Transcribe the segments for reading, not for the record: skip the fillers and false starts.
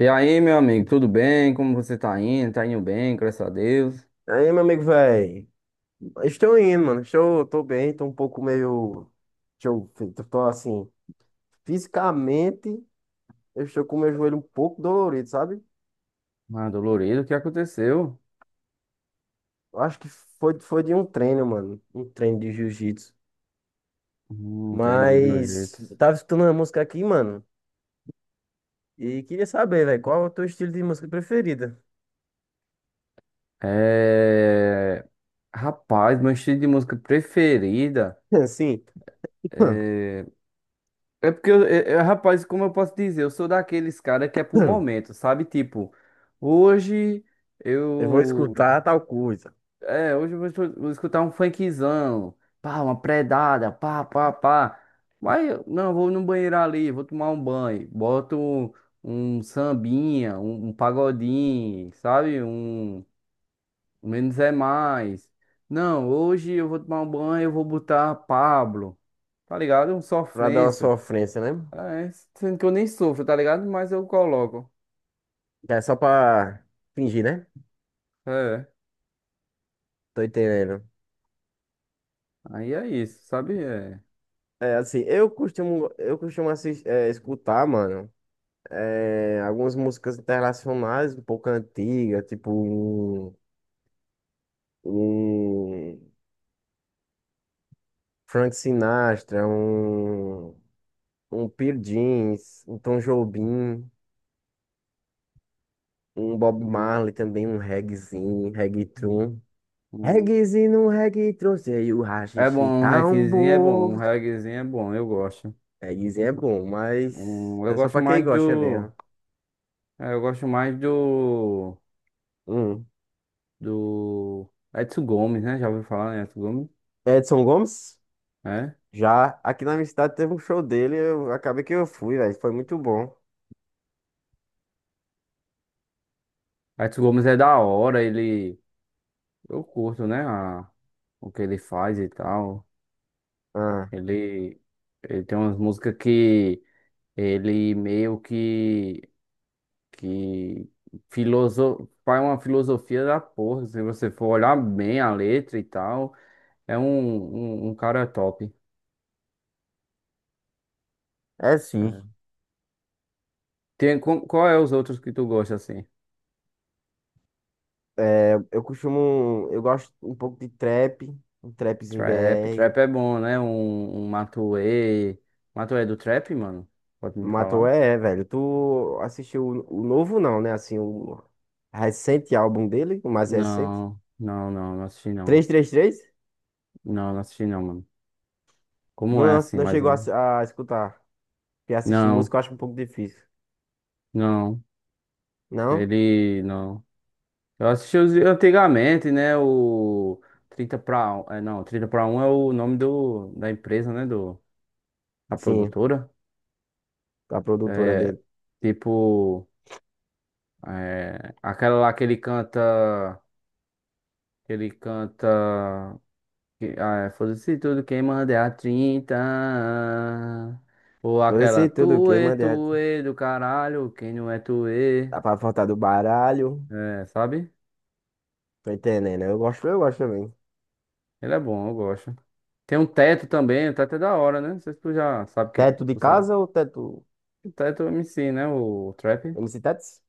E aí, meu amigo, tudo bem? Como você tá indo? Tá indo bem, graças a Deus. Aí, meu amigo, velho, estou indo, mano. Tô bem, tô um pouco meio. Estou, tô tô assim, fisicamente, eu estou com o meu joelho um pouco dolorido, sabe? Ah, dolorido, o que aconteceu? Eu acho que foi de um treino, mano. Um treino de jiu-jitsu. Aprendi de dois Mas, jeitos. eu tava escutando uma música aqui, mano, e queria saber, velho, qual é o teu estilo de música preferida? É... Rapaz, meu estilo de música preferida Assim, é... é porque, eu, rapaz, como eu posso dizer, eu sou daqueles cara que é pro momento, sabe? Tipo, hoje eu vou eu escutar tal coisa, hoje eu vou, vou escutar um funkzão, pá, uma predada, pá, pá, pá. Mas eu- não, vou no banheiro ali, vou tomar um banho, boto um sambinha, um pagodinho, sabe? Um menos é mais. Não, hoje eu vou tomar um banho, eu vou botar Pablo, tá ligado? Um pra dar uma sofrência. sofrência, né? É, sendo que eu nem sofro, tá ligado? Mas eu coloco. Que é só pra fingir, né? É, Tô entendendo. aí é isso, sabe? É. É, assim, eu costumo assistir escutar, mano, algumas músicas internacionais um pouco antigas, tipo um, um Frank Sinatra, um Pearl Jeans, um Tom Jobim, um Bob Hum, Marley também, um reggaezinho, um hum, reggaeton. hum. Reggaezinho, um reggaeton, sei o É bom, haxixe um tá um reggaezinho é bom, um bom. reggaezinho é bom, eu gosto. Reggaezinho é bom, mas Eu é só gosto pra quem mais gosta do. mesmo. É, eu gosto mais do. Hum. Do. Edson Gomes, né? Já ouviu falar em Edson Gomes? Edson Gomes? É. Já aqui na minha cidade teve um show dele, eu acabei que eu fui, velho. Foi muito bom. Edson Gomes é da hora, ele. Eu curto, né? O que ele faz e tal. Ah, Ele. Ele tem umas músicas que. Ele meio que. Que. Faz uma filosofia da porra, se você for olhar bem a letra e tal. É um, um cara top. é sim. É. Tem, qual é os outros que tu gosta, assim? É, eu costumo. Eu gosto um pouco de trap, um trapzinho Trap, BR. trap é bom, né? Um Matuê. Matuê é do trap, mano? Pode me Matou falar? é, velho. Tu assistiu o novo, não, né? Assim, o recente álbum dele, o mais recente. Não, não, não, não assisti não. 333. Não, não assisti não, mano. Como é Não, assim, não mais chegou a, um? A escutar. Porque assistir Não, música eu acho um pouco difícil. não, Não? ele não. Eu assisti os antigamente, né? O Trinta pra um, é, não, Trinta pra um é o nome do, da empresa, né? Do, da Sim, produtora. a produtora É, dele. tipo. É, aquela lá que ele canta. Que ele canta. Que, ah, é, foda-se tudo quem manda é a trinta. Ou Por aquela esse tudo quem tuê, manda. tuê do caralho, quem não é tuê. Dá pra faltar do baralho. É, sabe? Tô entendendo. Eu gosto também. Ele é bom, eu gosto. Tem um teto também, o teto é da hora, né? Não sei se tu já sabe quem. Teto de Tu sabe. casa ou teto. O teto é o MC, né? O trap. MC Tetos?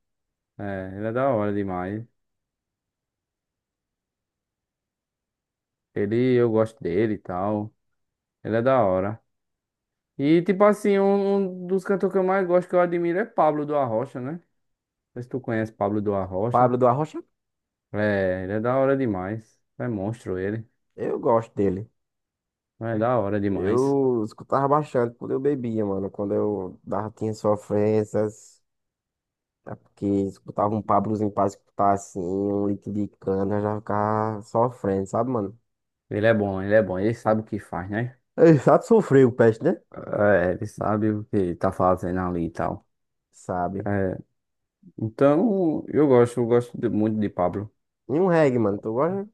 É, ele é da hora demais. Ele, eu gosto dele e tal. Ele é da hora. E, tipo assim, um dos cantores que eu mais gosto, que eu admiro, é Pablo do Arrocha, né? Não sei se tu conhece Pablo do Arrocha. Pablo do Arrocha? É, ele é da hora demais. É monstro ele. Eu gosto dele. É da hora demais. Eu escutava bastante quando eu bebia, mano. Quando eu dava, tinha sofrências. É porque escutava um Pablozinho pra escutar assim, um litro de cana, já ficava sofrendo, sabe, mano? Ele é bom, ele é bom. Ele sabe o que faz, né? Ei, sabe sofrer o peste, né? É, ele sabe o que tá fazendo ali e tal. Sabe. É, então, eu gosto muito de Pablo. E um reggae, mano. Tu gosta?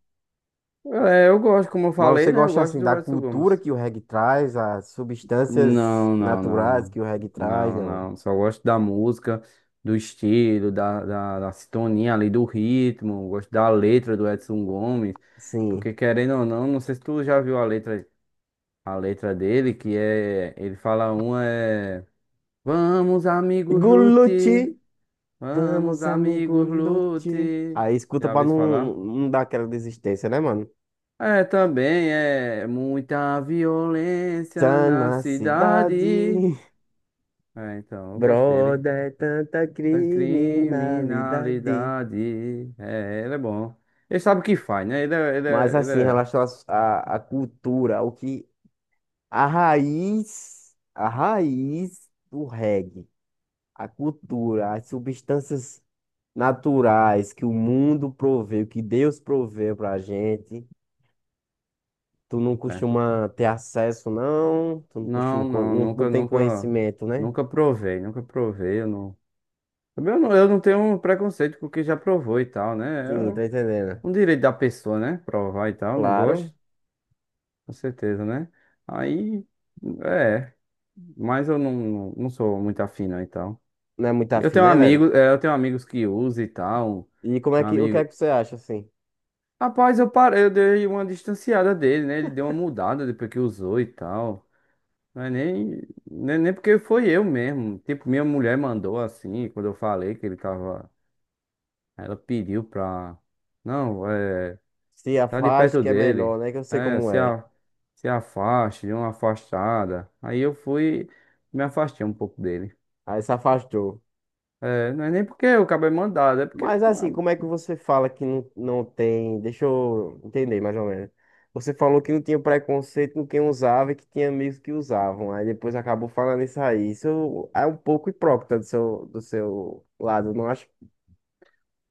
É, eu gosto, como eu Mas falei, você né? Eu gosta gosto assim da do Edson cultura Gomes. que o reggae traz, as substâncias Não, não, naturais não. que o reggae traz, Não, não? não. Só gosto da música, do estilo, da sintonia ali, do ritmo. Gosto da letra do Edson Gomes. Sim. Porque querendo ou não, não sei se tu já viu a letra dele, que é. Ele fala uma é. Vamos, amigos, lute. Guluti, Vamos, vamos, amigo amigos, Lute. lute. Aí escuta Já pra ouviu isso não, falar? não dar aquela desistência, né, mano? É, também é muita violência Tá na na cidade, cidade. É, então, eu gosto dele. brother, é tanta Da criminalidade. criminalidade. É, ele é bom. Ele sabe o que faz, né? Ele é, ele Mas é, ele assim, em é... relação à cultura, o que a raiz do reggae, a cultura, as substâncias naturais que o mundo proveu, que Deus proveu pra gente. Tu não Certo. costuma ter acesso, não? Tu não costuma, Não, não, não nunca, tem nunca, conhecimento, né? nunca provei, nunca provei. Eu não, também eu não tenho um preconceito com quem já provou e tal, né? Sim, É tô entendendo. um direito da pessoa, né? Provar e tal, não Claro, gosto, com certeza, né? Aí, é, mas eu não, não, não sou muito afim, não, e tal. não é muito Eu afim, tenho né, velho? amigos, é, eu tenho amigos que usam e tal. E como é Tem um que, o que é amigo, que você acha, assim? rapaz, eu parei, eu dei uma distanciada dele, né? Ele deu uma mudada depois que usou e tal. Mas nem porque foi eu mesmo. Tipo, minha mulher mandou assim, quando eu falei que ele tava. Ela pediu pra. Não, é, Se tá de afaste perto que é dele. melhor, né? Que eu sei É, como é. Se afaste, dê uma afastada. Aí eu fui, me afastei um pouco dele. Aí se afastou. É, não é nem porque o cabo é mandado, é porque Mas assim, como é que você fala que não tem? Deixa eu entender mais ou menos. Você falou que não tinha preconceito com quem usava e que tinha amigos que usavam. Aí depois acabou falando isso aí. Isso é um pouco hipócrita do seu lado, não acha?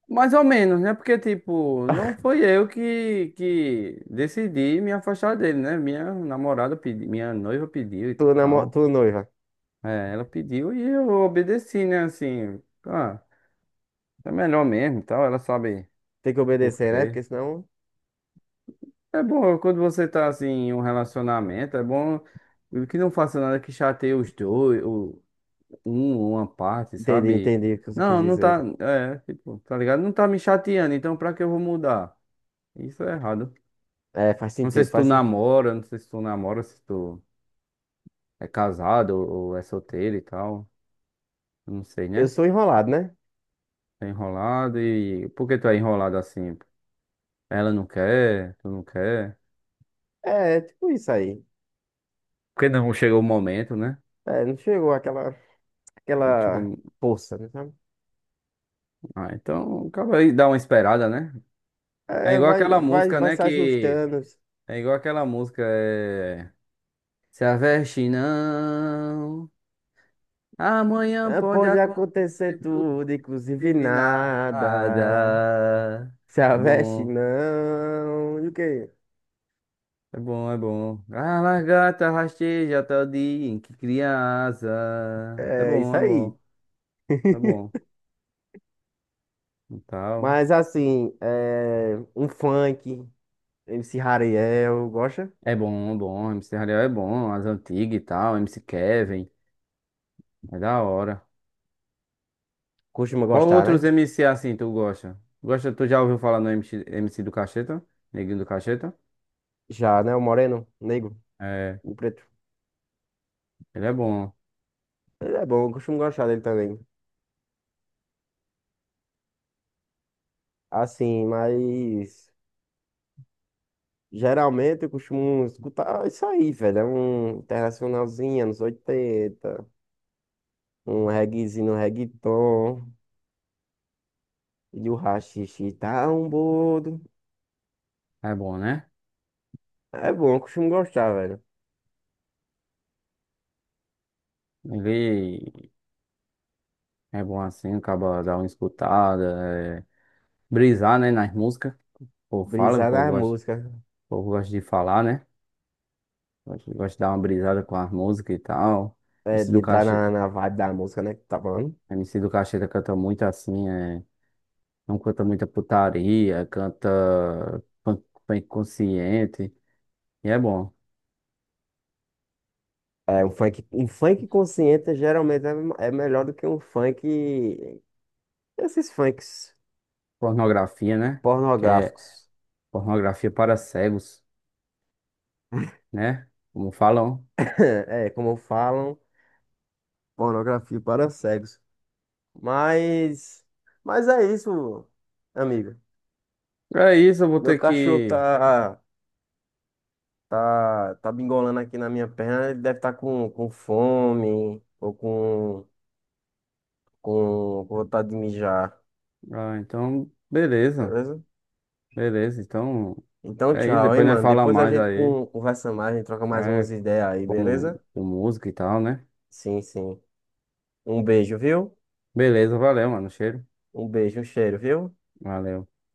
mais ou menos, né? Porque, tipo, não foi eu que decidi me afastar dele, né? Minha namorada pediu, minha noiva pediu e Tu, namo... tal. tu noiva. É, ela pediu e eu obedeci, né? Assim, ah, é melhor mesmo e tal. Ela sabe Tem que por obedecer, né? quê. Porque senão. É bom quando você tá, assim, em um relacionamento, é bom que não faça nada que chateie os dois, o, um, uma parte, Entendi, sabe? entendi o que você quis Não, não tá, dizer. é, tipo, tá ligado? Não tá me chateando, então pra que eu vou mudar? Isso é errado. É, faz Não sei sentido, se tu faz sentido. namora, não sei se tu namora, se tu é casado ou é solteiro e tal. Não sei, Eu né? sou enrolado, né? Tá enrolado e. Por que tu é enrolado assim? Ela não quer, tu não quer. É, tipo isso aí. Porque não chegou o momento, né? É, não chegou aquela, Não aquela chegou- força, né? Sabe? Ah, então acaba aí, dá uma esperada, né? É É, igual vai, aquela vai, música, vai né? se Que. ajustando. É igual aquela música. É... Se aveste não, amanhã É, pode pode acontecer acontecer tudo tudo, inclusive e nada. nada. Se a É veste bom. não. E o quê? É bom, é bom. A lagarta rasteja até o dia em que cria asa. É É isso bom, é aí. bom, é bom. E tal. Mas assim, um funk, MC Hariel, gosta? É bom, é bom. MC Hariel é bom, as antigas e tal. MC Kevin, é da hora. Costuma Qual gostar, outros né? MC assim tu gosta? Gosta, tu já ouviu falar no MC, MC do Cacheta? Neguinho do Cacheta? Já, né? O moreno, o negro, É, o preto. ele Ele é bom, eu costumo gostar dele também. Assim, mas geralmente eu costumo escutar isso aí, velho. É um internacionalzinho, anos 80, um reguezinho, um reggaeton, e o haxixe tá um bodo. é bom, né? É bom, eu costumo gostar, velho. Ele é bom assim, acaba dar uma escutada, é, brisar, né, nas músicas. O povo fala, Brisar na música, o povo gosta de falar, né? Gosto, gosto de dar uma brisada com as músicas e tal. MC de do entrar Caixa, na, vibe da música, né, que tá falando. MC do Caixeta canta muito assim, é, não canta muita putaria, canta punk, punk consciente. E é bom. É, um funk consciente geralmente é melhor do que um funk. Esses funks Pornografia, né? Que é pornográficos. pornografia para cegos, né? Como falam. É, como falam, pornografia para cegos. Mas, mas, é isso, amigo. É isso, eu vou Meu ter cachorro que. tá bingolando aqui na minha perna. Ele deve estar com fome ou com vontade de mijar, Ah, então, beleza. beleza? Beleza, então. Então, É isso, tchau, hein, depois nós mano. falamos Depois a mais gente aí. Conversa mais, a gente troca mais umas É, ideias aí, como, beleza? com música e tal, né? Sim, sim. Um beijo, viu? Beleza, valeu, mano. Cheiro. Um beijo, um cheiro, viu? Valeu. Tamo